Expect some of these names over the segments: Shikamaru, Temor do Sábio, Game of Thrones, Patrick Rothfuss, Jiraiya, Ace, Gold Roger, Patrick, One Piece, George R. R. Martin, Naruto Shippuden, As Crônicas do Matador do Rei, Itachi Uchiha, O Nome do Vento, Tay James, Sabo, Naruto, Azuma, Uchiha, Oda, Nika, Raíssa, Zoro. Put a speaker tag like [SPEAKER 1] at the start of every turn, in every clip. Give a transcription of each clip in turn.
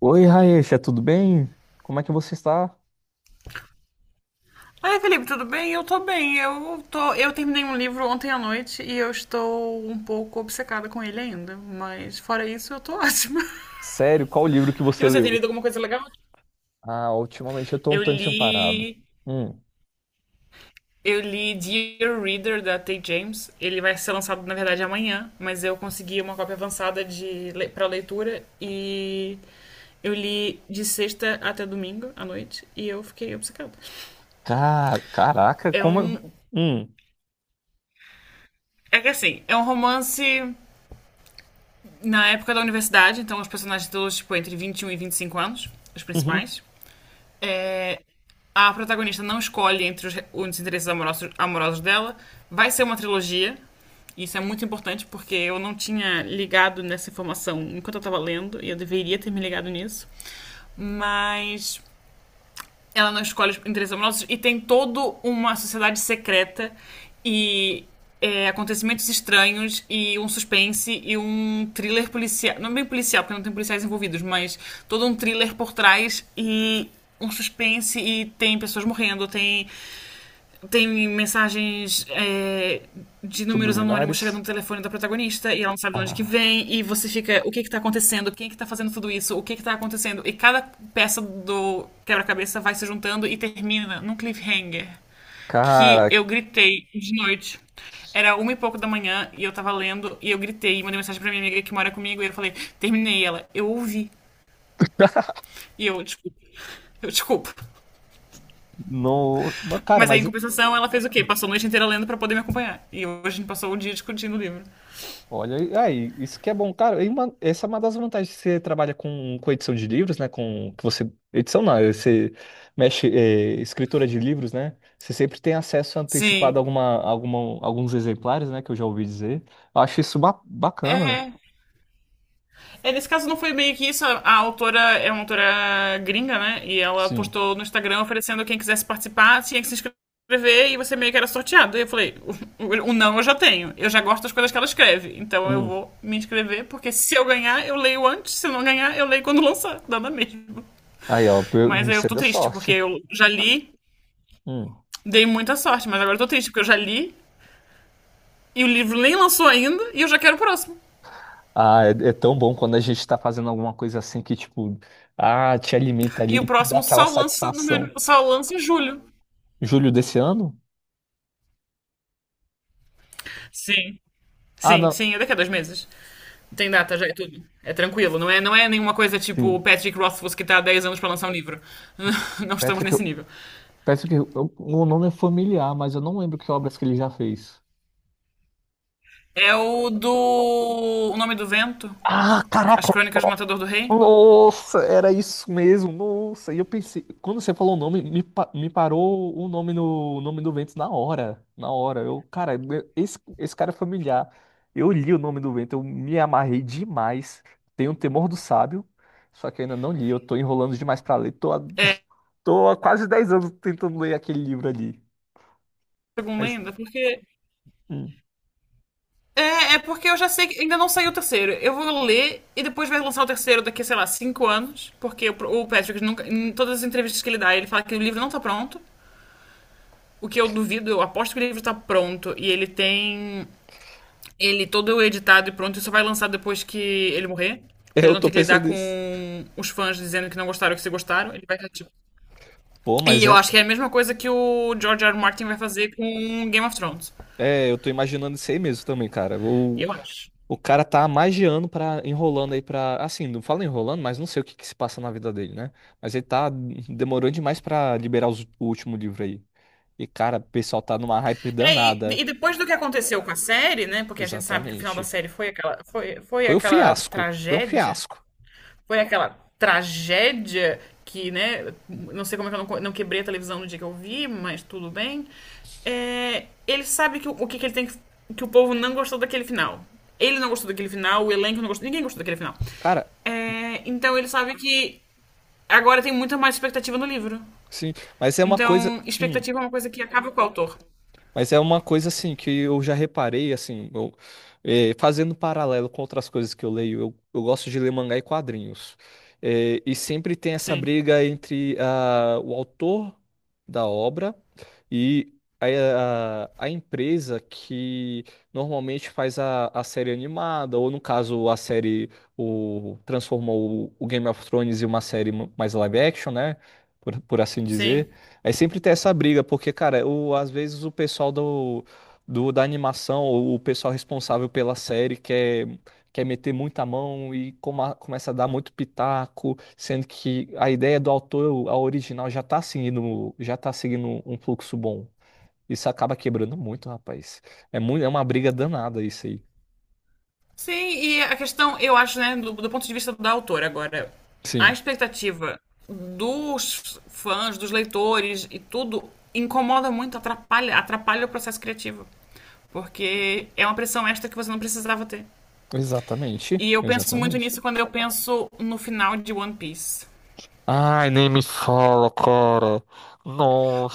[SPEAKER 1] Oi, Raíssa, tudo bem? Como é que você está?
[SPEAKER 2] Oi, Felipe, tudo bem? Eu tô bem. Eu terminei um livro ontem à noite e eu estou um pouco obcecada com ele ainda, mas fora isso eu tô ótima.
[SPEAKER 1] Sério, qual o livro que
[SPEAKER 2] E
[SPEAKER 1] você
[SPEAKER 2] você tem
[SPEAKER 1] leu?
[SPEAKER 2] lido alguma coisa legal?
[SPEAKER 1] Ah, ultimamente eu tô um
[SPEAKER 2] Eu
[SPEAKER 1] tantinho parado.
[SPEAKER 2] li,
[SPEAKER 1] Hum,
[SPEAKER 2] eu li Dear Reader da Tay James. Ele vai ser lançado na verdade amanhã, mas eu consegui uma cópia avançada para leitura e eu li de sexta até domingo à noite e eu fiquei obcecada.
[SPEAKER 1] Caraca,
[SPEAKER 2] É
[SPEAKER 1] como...
[SPEAKER 2] um.
[SPEAKER 1] Hum,
[SPEAKER 2] É que assim, é um romance na época da universidade, então os personagens todos, tipo, entre 21 e 25 anos, os
[SPEAKER 1] uhum.
[SPEAKER 2] principais. É, a protagonista não escolhe entre os interesses amorosos dela. Vai ser uma trilogia. Isso é muito importante porque eu não tinha ligado nessa informação enquanto eu estava lendo e eu deveria ter me ligado nisso. Mas ela não escolhe os interesses amorosos e tem toda uma sociedade secreta e acontecimentos estranhos e um suspense e um thriller policial. Não é bem policial, porque não tem policiais envolvidos, mas todo um thriller por trás e um suspense e tem pessoas morrendo, tem mensagens de números anônimos chegando
[SPEAKER 1] Subliminares?
[SPEAKER 2] no telefone da protagonista e ela não sabe de onde que
[SPEAKER 1] Ah,
[SPEAKER 2] vem e você fica, o que que tá acontecendo? Quem é que tá fazendo tudo isso? O que que tá acontecendo? E cada peça do quebra-cabeça vai se juntando e termina num cliffhanger que
[SPEAKER 1] cara,
[SPEAKER 2] eu gritei de noite. Era uma e pouco da manhã e eu tava lendo e eu gritei e mandei mensagem pra minha amiga que mora comigo e eu falei, terminei ela. Eu ouvi. E eu, desculpa. Eu desculpa.
[SPEAKER 1] não. Mas, cara,
[SPEAKER 2] Mas aí, em
[SPEAKER 1] mas
[SPEAKER 2] compensação, ela fez o quê? Passou a noite inteira lendo pra poder me acompanhar. E hoje a gente passou o dia discutindo o livro.
[SPEAKER 1] olha, aí, isso que é bom, cara. Essa é uma das vantagens, que você trabalha com edição de livros, né? Com que você edição não, é você mexe escritora de livros, né? Você sempre tem acesso antecipado a
[SPEAKER 2] Sim.
[SPEAKER 1] alguns exemplares, né? Que eu já ouvi dizer. Eu acho isso bacana.
[SPEAKER 2] É, é, nesse caso não foi meio que isso. A autora é uma autora gringa, né? E ela
[SPEAKER 1] Sim.
[SPEAKER 2] postou no Instagram oferecendo quem quisesse participar, tinha que se inscrever e você meio que era sorteado. E eu falei, o não eu já tenho. Eu já gosto das coisas que ela escreve. Então eu
[SPEAKER 1] Hum.
[SPEAKER 2] vou me inscrever, porque se eu ganhar, eu leio antes. Se eu não ganhar, eu leio quando lançar. Dá na mesma.
[SPEAKER 1] Aí, ó,
[SPEAKER 2] Mas eu
[SPEAKER 1] você
[SPEAKER 2] tô
[SPEAKER 1] deu
[SPEAKER 2] triste, porque
[SPEAKER 1] sorte.
[SPEAKER 2] eu já li,
[SPEAKER 1] Hum.
[SPEAKER 2] dei muita sorte. Mas agora eu tô triste, porque eu já li, e o livro nem lançou ainda e eu já quero o próximo.
[SPEAKER 1] Ah, é, é tão bom quando a gente tá fazendo alguma coisa assim que ah, te alimenta
[SPEAKER 2] E o
[SPEAKER 1] ali, dá
[SPEAKER 2] próximo
[SPEAKER 1] aquela
[SPEAKER 2] só lança, no meu-
[SPEAKER 1] satisfação.
[SPEAKER 2] só lança em julho.
[SPEAKER 1] Julho desse ano?
[SPEAKER 2] Sim.
[SPEAKER 1] Ah,
[SPEAKER 2] Sim,
[SPEAKER 1] não.
[SPEAKER 2] sim, é daqui a 2 meses. Tem data já, é tudo. É tranquilo, não é nenhuma coisa tipo o
[SPEAKER 1] Sim.
[SPEAKER 2] Patrick Rothfuss que tá há 10 anos para lançar um livro. Não estamos
[SPEAKER 1] Patrick.
[SPEAKER 2] nesse nível.
[SPEAKER 1] Parece que o nome é familiar, mas eu não lembro que obras que ele já fez.
[SPEAKER 2] É o do. O Nome do Vento,
[SPEAKER 1] Ah,
[SPEAKER 2] As
[SPEAKER 1] caraca!
[SPEAKER 2] Crônicas do Matador do Rei.
[SPEAKER 1] Nossa, era isso mesmo. Nossa, e eu pensei, quando você falou o nome, me parou o nome no o nome do Vento na hora, na hora. Eu, cara, esse cara é familiar. Eu li o nome do Vento, eu me amarrei demais. Tenho o Temor do Sábio, só que eu ainda não li. Eu tô enrolando demais pra ler.
[SPEAKER 2] É,
[SPEAKER 1] Tô há quase 10 anos tentando ler aquele livro ali.
[SPEAKER 2] segundo
[SPEAKER 1] Mas
[SPEAKER 2] ainda, porque
[SPEAKER 1] hum,
[SPEAKER 2] é porque eu já sei que ainda não saiu o terceiro. Eu vou ler e depois vai lançar o terceiro daqui, sei lá, 5 anos. Porque o Patrick, nunca, em todas as entrevistas que ele dá, ele fala que o livro não tá pronto. O que eu duvido, eu aposto que o livro tá pronto. E ele tem ele todo editado e pronto. E só vai lançar depois que ele morrer. Pra ele
[SPEAKER 1] eu
[SPEAKER 2] não
[SPEAKER 1] tô
[SPEAKER 2] ter que lidar
[SPEAKER 1] pensando
[SPEAKER 2] com
[SPEAKER 1] nisso.
[SPEAKER 2] os fãs dizendo que não gostaram ou que se gostaram. Ele vai estar tipo.
[SPEAKER 1] Pô, mas
[SPEAKER 2] E eu
[SPEAKER 1] é
[SPEAKER 2] acho que é a mesma coisa que o George R. R. Martin vai fazer com Game of Thrones.
[SPEAKER 1] é, eu tô imaginando isso aí mesmo também, cara.
[SPEAKER 2] Eu acho.
[SPEAKER 1] O cara tá há mais de ano pra, enrolando aí pra. Assim, não fala enrolando, mas não sei o que que se passa na vida dele, né? Mas ele tá demorando demais pra liberar o último livro aí. E, cara, o pessoal tá numa hype
[SPEAKER 2] É, e,
[SPEAKER 1] danada.
[SPEAKER 2] e depois do que aconteceu com a série, né? Porque a gente sabe que o final da
[SPEAKER 1] Exatamente.
[SPEAKER 2] série foi aquela, foi
[SPEAKER 1] Foi um
[SPEAKER 2] aquela
[SPEAKER 1] fiasco. Foi um
[SPEAKER 2] tragédia.
[SPEAKER 1] fiasco.
[SPEAKER 2] Foi aquela tragédia que, né? Não sei como é que eu não quebrei a televisão no dia que eu vi, mas tudo bem. É, ele sabe que, o que, ele tem que. Que o povo não gostou daquele final. Ele não gostou daquele final, o elenco não gostou, ninguém gostou daquele final.
[SPEAKER 1] Cara,
[SPEAKER 2] É, então ele sabe que agora tem muita mais expectativa no livro.
[SPEAKER 1] sim, mas é uma coisa.
[SPEAKER 2] Então, expectativa é uma coisa que acaba com o autor.
[SPEAKER 1] Mas é uma coisa assim que eu já reparei, assim, fazendo paralelo com outras coisas que eu leio, eu gosto de ler mangá e quadrinhos. E sempre tem essa
[SPEAKER 2] Sim,
[SPEAKER 1] briga entre ah, o autor da obra e a empresa que normalmente faz a série animada, ou no caso, a série transformou o Game of Thrones em uma série mais live action, né? Por assim
[SPEAKER 2] sim.
[SPEAKER 1] dizer. Aí sempre tem essa briga, porque, cara, o, às vezes o pessoal do, da animação, ou o pessoal responsável pela série, quer meter muita mão e começa a dar muito pitaco, sendo que a ideia do autor, a original, já tá seguindo um fluxo bom. Isso acaba quebrando muito, rapaz. É muito, é uma briga danada isso aí.
[SPEAKER 2] Sim, e a questão, eu acho, né, do ponto de vista da autora agora, a
[SPEAKER 1] Sim,
[SPEAKER 2] expectativa dos fãs, dos leitores e tudo incomoda muito, atrapalha, atrapalha o processo criativo. Porque é uma pressão extra que você não precisava ter.
[SPEAKER 1] exatamente,
[SPEAKER 2] E eu penso muito
[SPEAKER 1] exatamente.
[SPEAKER 2] nisso quando eu penso no final de One Piece.
[SPEAKER 1] Ai, nem me fala, cara.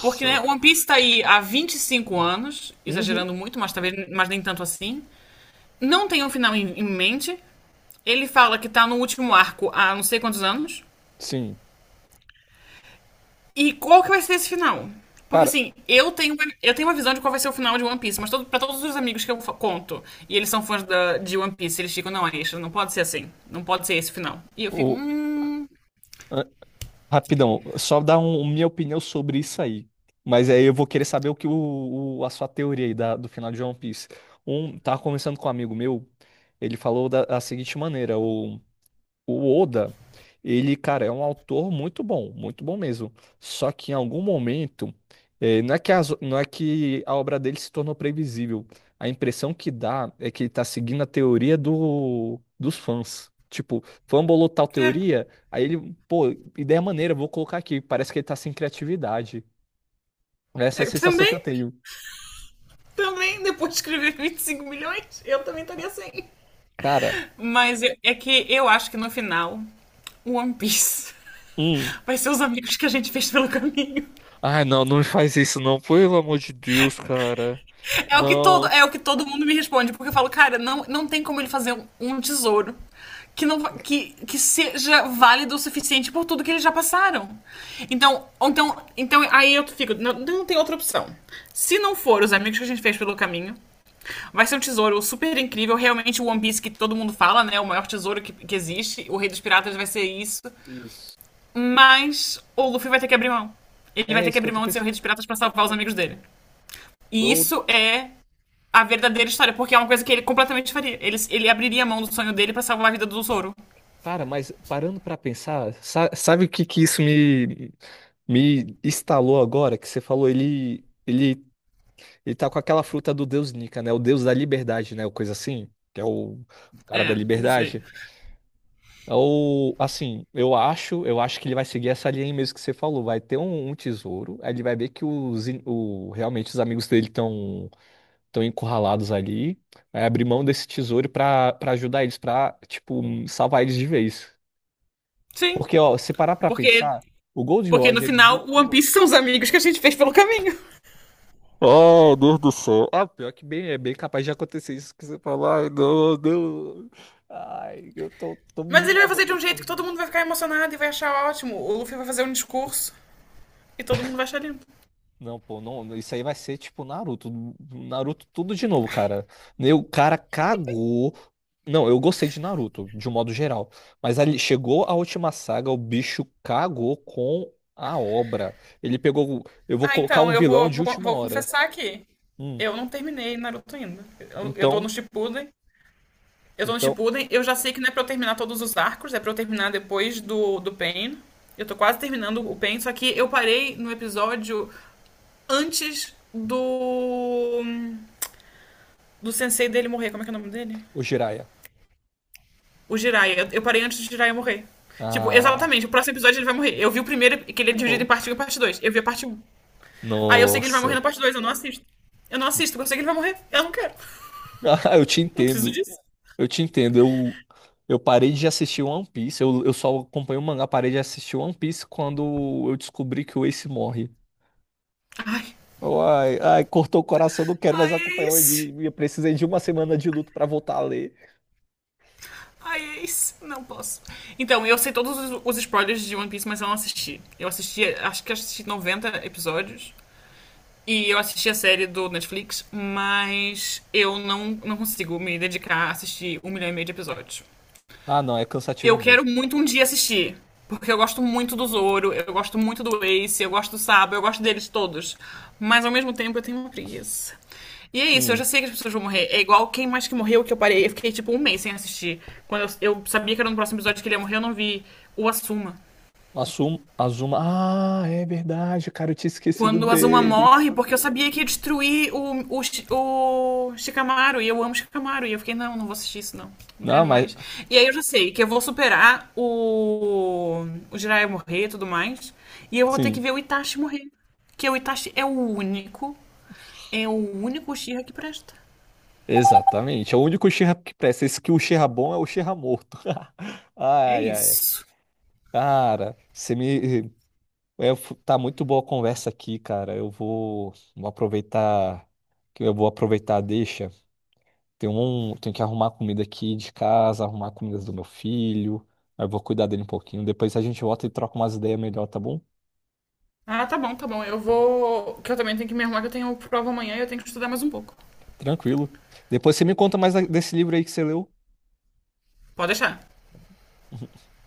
[SPEAKER 2] Porque, né, One Piece tá aí há 25 anos,
[SPEAKER 1] Uhum.
[SPEAKER 2] exagerando muito, mas talvez mas nem tanto assim. Não tem um final em mente. Ele fala que tá no último arco há não sei quantos anos.
[SPEAKER 1] Sim.
[SPEAKER 2] E qual que vai ser esse final? Porque
[SPEAKER 1] Cara,
[SPEAKER 2] assim, eu tenho uma visão de qual vai ser o final de One Piece, mas todo, pra todos os amigos que conto, e eles são fãs de One Piece, eles ficam, não, Aisha, não pode ser assim. Não pode ser esse final. E eu fico.
[SPEAKER 1] ah, rapidão, só dar minha opinião sobre isso aí. Mas aí eu vou querer saber o que a sua teoria aí do final de One Piece. Um, tava conversando com um amigo meu, ele falou da seguinte maneira: o Oda, ele, cara, é um autor muito bom mesmo. Só que em algum momento, não é que não é que a obra dele se tornou previsível. A impressão que dá é que ele tá seguindo a teoria do, dos fãs. Tipo, fã bolou tal
[SPEAKER 2] É,
[SPEAKER 1] teoria, aí ele, pô, ideia maneira, vou colocar aqui. Parece que ele tá sem criatividade. Essa é a
[SPEAKER 2] eu
[SPEAKER 1] sensação que eu
[SPEAKER 2] também,
[SPEAKER 1] tenho.
[SPEAKER 2] depois de escrever 25 milhões, eu também estaria assim.
[SPEAKER 1] Cara,
[SPEAKER 2] É que eu acho que no final, o One Piece
[SPEAKER 1] hum.
[SPEAKER 2] vai ser os amigos que a gente fez pelo caminho.
[SPEAKER 1] Ai, não, não me faz isso, não. Pelo amor de Deus, cara. Não.
[SPEAKER 2] É o que todo mundo me responde, porque eu falo, cara, não, não tem como ele fazer um, um tesouro que não que, que seja válido o suficiente por tudo que eles já passaram. Então, aí eu fico, não, não tem outra opção. Se não for os amigos que a gente fez pelo caminho, vai ser um tesouro super incrível, realmente o One Piece que todo mundo fala, né, o maior tesouro que existe, o Rei dos Piratas vai ser isso,
[SPEAKER 1] Isso.
[SPEAKER 2] mas o Luffy vai ter que abrir mão. Ele vai
[SPEAKER 1] É
[SPEAKER 2] ter que
[SPEAKER 1] isso que eu
[SPEAKER 2] abrir
[SPEAKER 1] tô
[SPEAKER 2] mão de ser o
[SPEAKER 1] pensando.
[SPEAKER 2] Rei dos Piratas para salvar os amigos dele. E isso é a verdadeira história, porque é uma coisa que ele completamente faria. Ele abriria a mão do sonho dele pra salvar a vida do Zoro.
[SPEAKER 1] Cara, mas parando pra pensar, sabe o que que isso me me instalou agora? Que você falou, ele ele tá com aquela fruta do deus Nika, né? O deus da liberdade, né? O coisa assim, que é o cara da
[SPEAKER 2] É, não sei.
[SPEAKER 1] liberdade. É o assim, eu acho que ele vai seguir essa linha aí mesmo que você falou. Vai ter um tesouro, aí ele vai ver que realmente os amigos dele estão estão encurralados ali, vai abrir mão desse tesouro pra para ajudar eles, pra, tipo salvar eles de vez.
[SPEAKER 2] Sim,
[SPEAKER 1] Porque, ó, se parar pra
[SPEAKER 2] porque,
[SPEAKER 1] pensar, o Gold
[SPEAKER 2] porque no
[SPEAKER 1] Roger, ele viu.
[SPEAKER 2] final, o One Piece são os amigos que a gente fez pelo caminho.
[SPEAKER 1] Oh, Deus do céu. Ah, pior que bem, é bem capaz de acontecer isso que você falou. Ai, não, não. Ai, tô me
[SPEAKER 2] Mas ele vai fazer
[SPEAKER 1] morrendo
[SPEAKER 2] de um
[SPEAKER 1] aqui
[SPEAKER 2] jeito
[SPEAKER 1] por
[SPEAKER 2] que todo
[SPEAKER 1] dentro.
[SPEAKER 2] mundo vai ficar emocionado e vai achar ótimo. O Luffy vai fazer um discurso e todo mundo vai achar lindo.
[SPEAKER 1] Não, pô, não, não, isso aí vai ser tipo Naruto. Naruto tudo de novo, cara. Né, o cara cagou. Não, eu gostei de Naruto, de um modo geral. Mas ali chegou a última saga, o bicho cagou com a obra. Ele pegou. Eu vou
[SPEAKER 2] Ah,
[SPEAKER 1] colocar
[SPEAKER 2] então,
[SPEAKER 1] um
[SPEAKER 2] eu
[SPEAKER 1] vilão
[SPEAKER 2] vou,
[SPEAKER 1] de
[SPEAKER 2] vou,
[SPEAKER 1] última
[SPEAKER 2] vou
[SPEAKER 1] hora.
[SPEAKER 2] confessar aqui.
[SPEAKER 1] Hum.
[SPEAKER 2] Eu não terminei Naruto ainda. Eu tô no
[SPEAKER 1] Então.
[SPEAKER 2] Shippuden.
[SPEAKER 1] Então,
[SPEAKER 2] Eu já sei que não é pra eu terminar todos os arcos, é pra eu terminar depois do Pain. Eu tô quase terminando o Pain, só que eu parei no episódio antes do sensei dele morrer. Como é que é o nome dele?
[SPEAKER 1] o Jiraiya.
[SPEAKER 2] O Jiraiya. Eu parei antes do Jiraiya morrer. Tipo,
[SPEAKER 1] Ah.
[SPEAKER 2] exatamente, o próximo episódio ele vai morrer. Eu vi o primeiro, que ele é dividido em
[SPEAKER 1] Oh.
[SPEAKER 2] parte um e parte 2. Eu vi a parte um. Aí eu sei que ele vai morrer na
[SPEAKER 1] Nossa.
[SPEAKER 2] parte 2. Eu não assisto. Eu não assisto, porque eu sei que ele vai morrer. Eu não quero.
[SPEAKER 1] Ah, eu te
[SPEAKER 2] Não preciso
[SPEAKER 1] entendo.
[SPEAKER 2] disso.
[SPEAKER 1] Eu te entendo. Eu parei de assistir One Piece. Eu só acompanho o mangá. Parei de assistir One Piece quando eu descobri que o Ace morre.
[SPEAKER 2] Ai.
[SPEAKER 1] Ai, ai, cortou o coração, não quero mais
[SPEAKER 2] Ai, é
[SPEAKER 1] acompanhar o
[SPEAKER 2] isso.
[SPEAKER 1] anime. Eu precisei de uma semana de luto pra voltar a ler.
[SPEAKER 2] Ai, é isso. Não posso. Então, eu sei todos os spoilers de One Piece, mas eu não assisti. Eu assisti, acho que assisti 90 episódios. E eu assisti a série do Netflix, mas eu não consigo me dedicar a assistir 1,5 milhão de episódios.
[SPEAKER 1] Ah, não, é
[SPEAKER 2] Eu
[SPEAKER 1] cansativo
[SPEAKER 2] quero
[SPEAKER 1] mesmo.
[SPEAKER 2] muito um dia assistir. Porque eu gosto muito do Zoro, eu gosto muito do Ace, eu gosto do Sabo, eu gosto deles todos. Mas ao mesmo tempo eu tenho uma preguiça. E é isso, eu já
[SPEAKER 1] Hum.
[SPEAKER 2] sei que as pessoas vão morrer. É igual quem mais que morreu que eu parei. Eu fiquei tipo um mês sem assistir. Quando eu sabia que era no próximo episódio que ele ia morrer, eu não vi o Assuma.
[SPEAKER 1] Assumo, Azuma. Ah, é verdade, cara, eu tinha esquecido
[SPEAKER 2] Quando a Azuma
[SPEAKER 1] dele.
[SPEAKER 2] morre, porque eu sabia que ia destruir o Shikamaru, e eu amo Shikamaru, e eu fiquei, não, não vou assistir isso, não. Não
[SPEAKER 1] Não,
[SPEAKER 2] quero
[SPEAKER 1] mas
[SPEAKER 2] mais. E aí eu já sei que eu vou superar o Jiraiya morrer e tudo mais, e eu vou ter que
[SPEAKER 1] sim.
[SPEAKER 2] ver o Itachi morrer. Porque o Itachi é o único, é o Uchiha que presta.
[SPEAKER 1] Exatamente. É o único Uchiha que presta. Esse que o Uchiha bom é o Uchiha morto.
[SPEAKER 2] É
[SPEAKER 1] Ai, ai.
[SPEAKER 2] isso.
[SPEAKER 1] Cara, você me. É, tá muito boa a conversa aqui, cara. Vou aproveitar. Que Eu vou aproveitar a deixa. Tenho que arrumar comida aqui de casa, arrumar comidas do meu filho. Aí eu vou cuidar dele um pouquinho. Depois a gente volta e troca umas ideias melhor, tá bom?
[SPEAKER 2] Ah, tá bom, tá bom. Eu vou. Que eu também tenho que me arrumar, que eu tenho prova amanhã e eu tenho que estudar mais um pouco.
[SPEAKER 1] Tranquilo. Depois você me conta mais desse livro aí que você leu.
[SPEAKER 2] Pode deixar.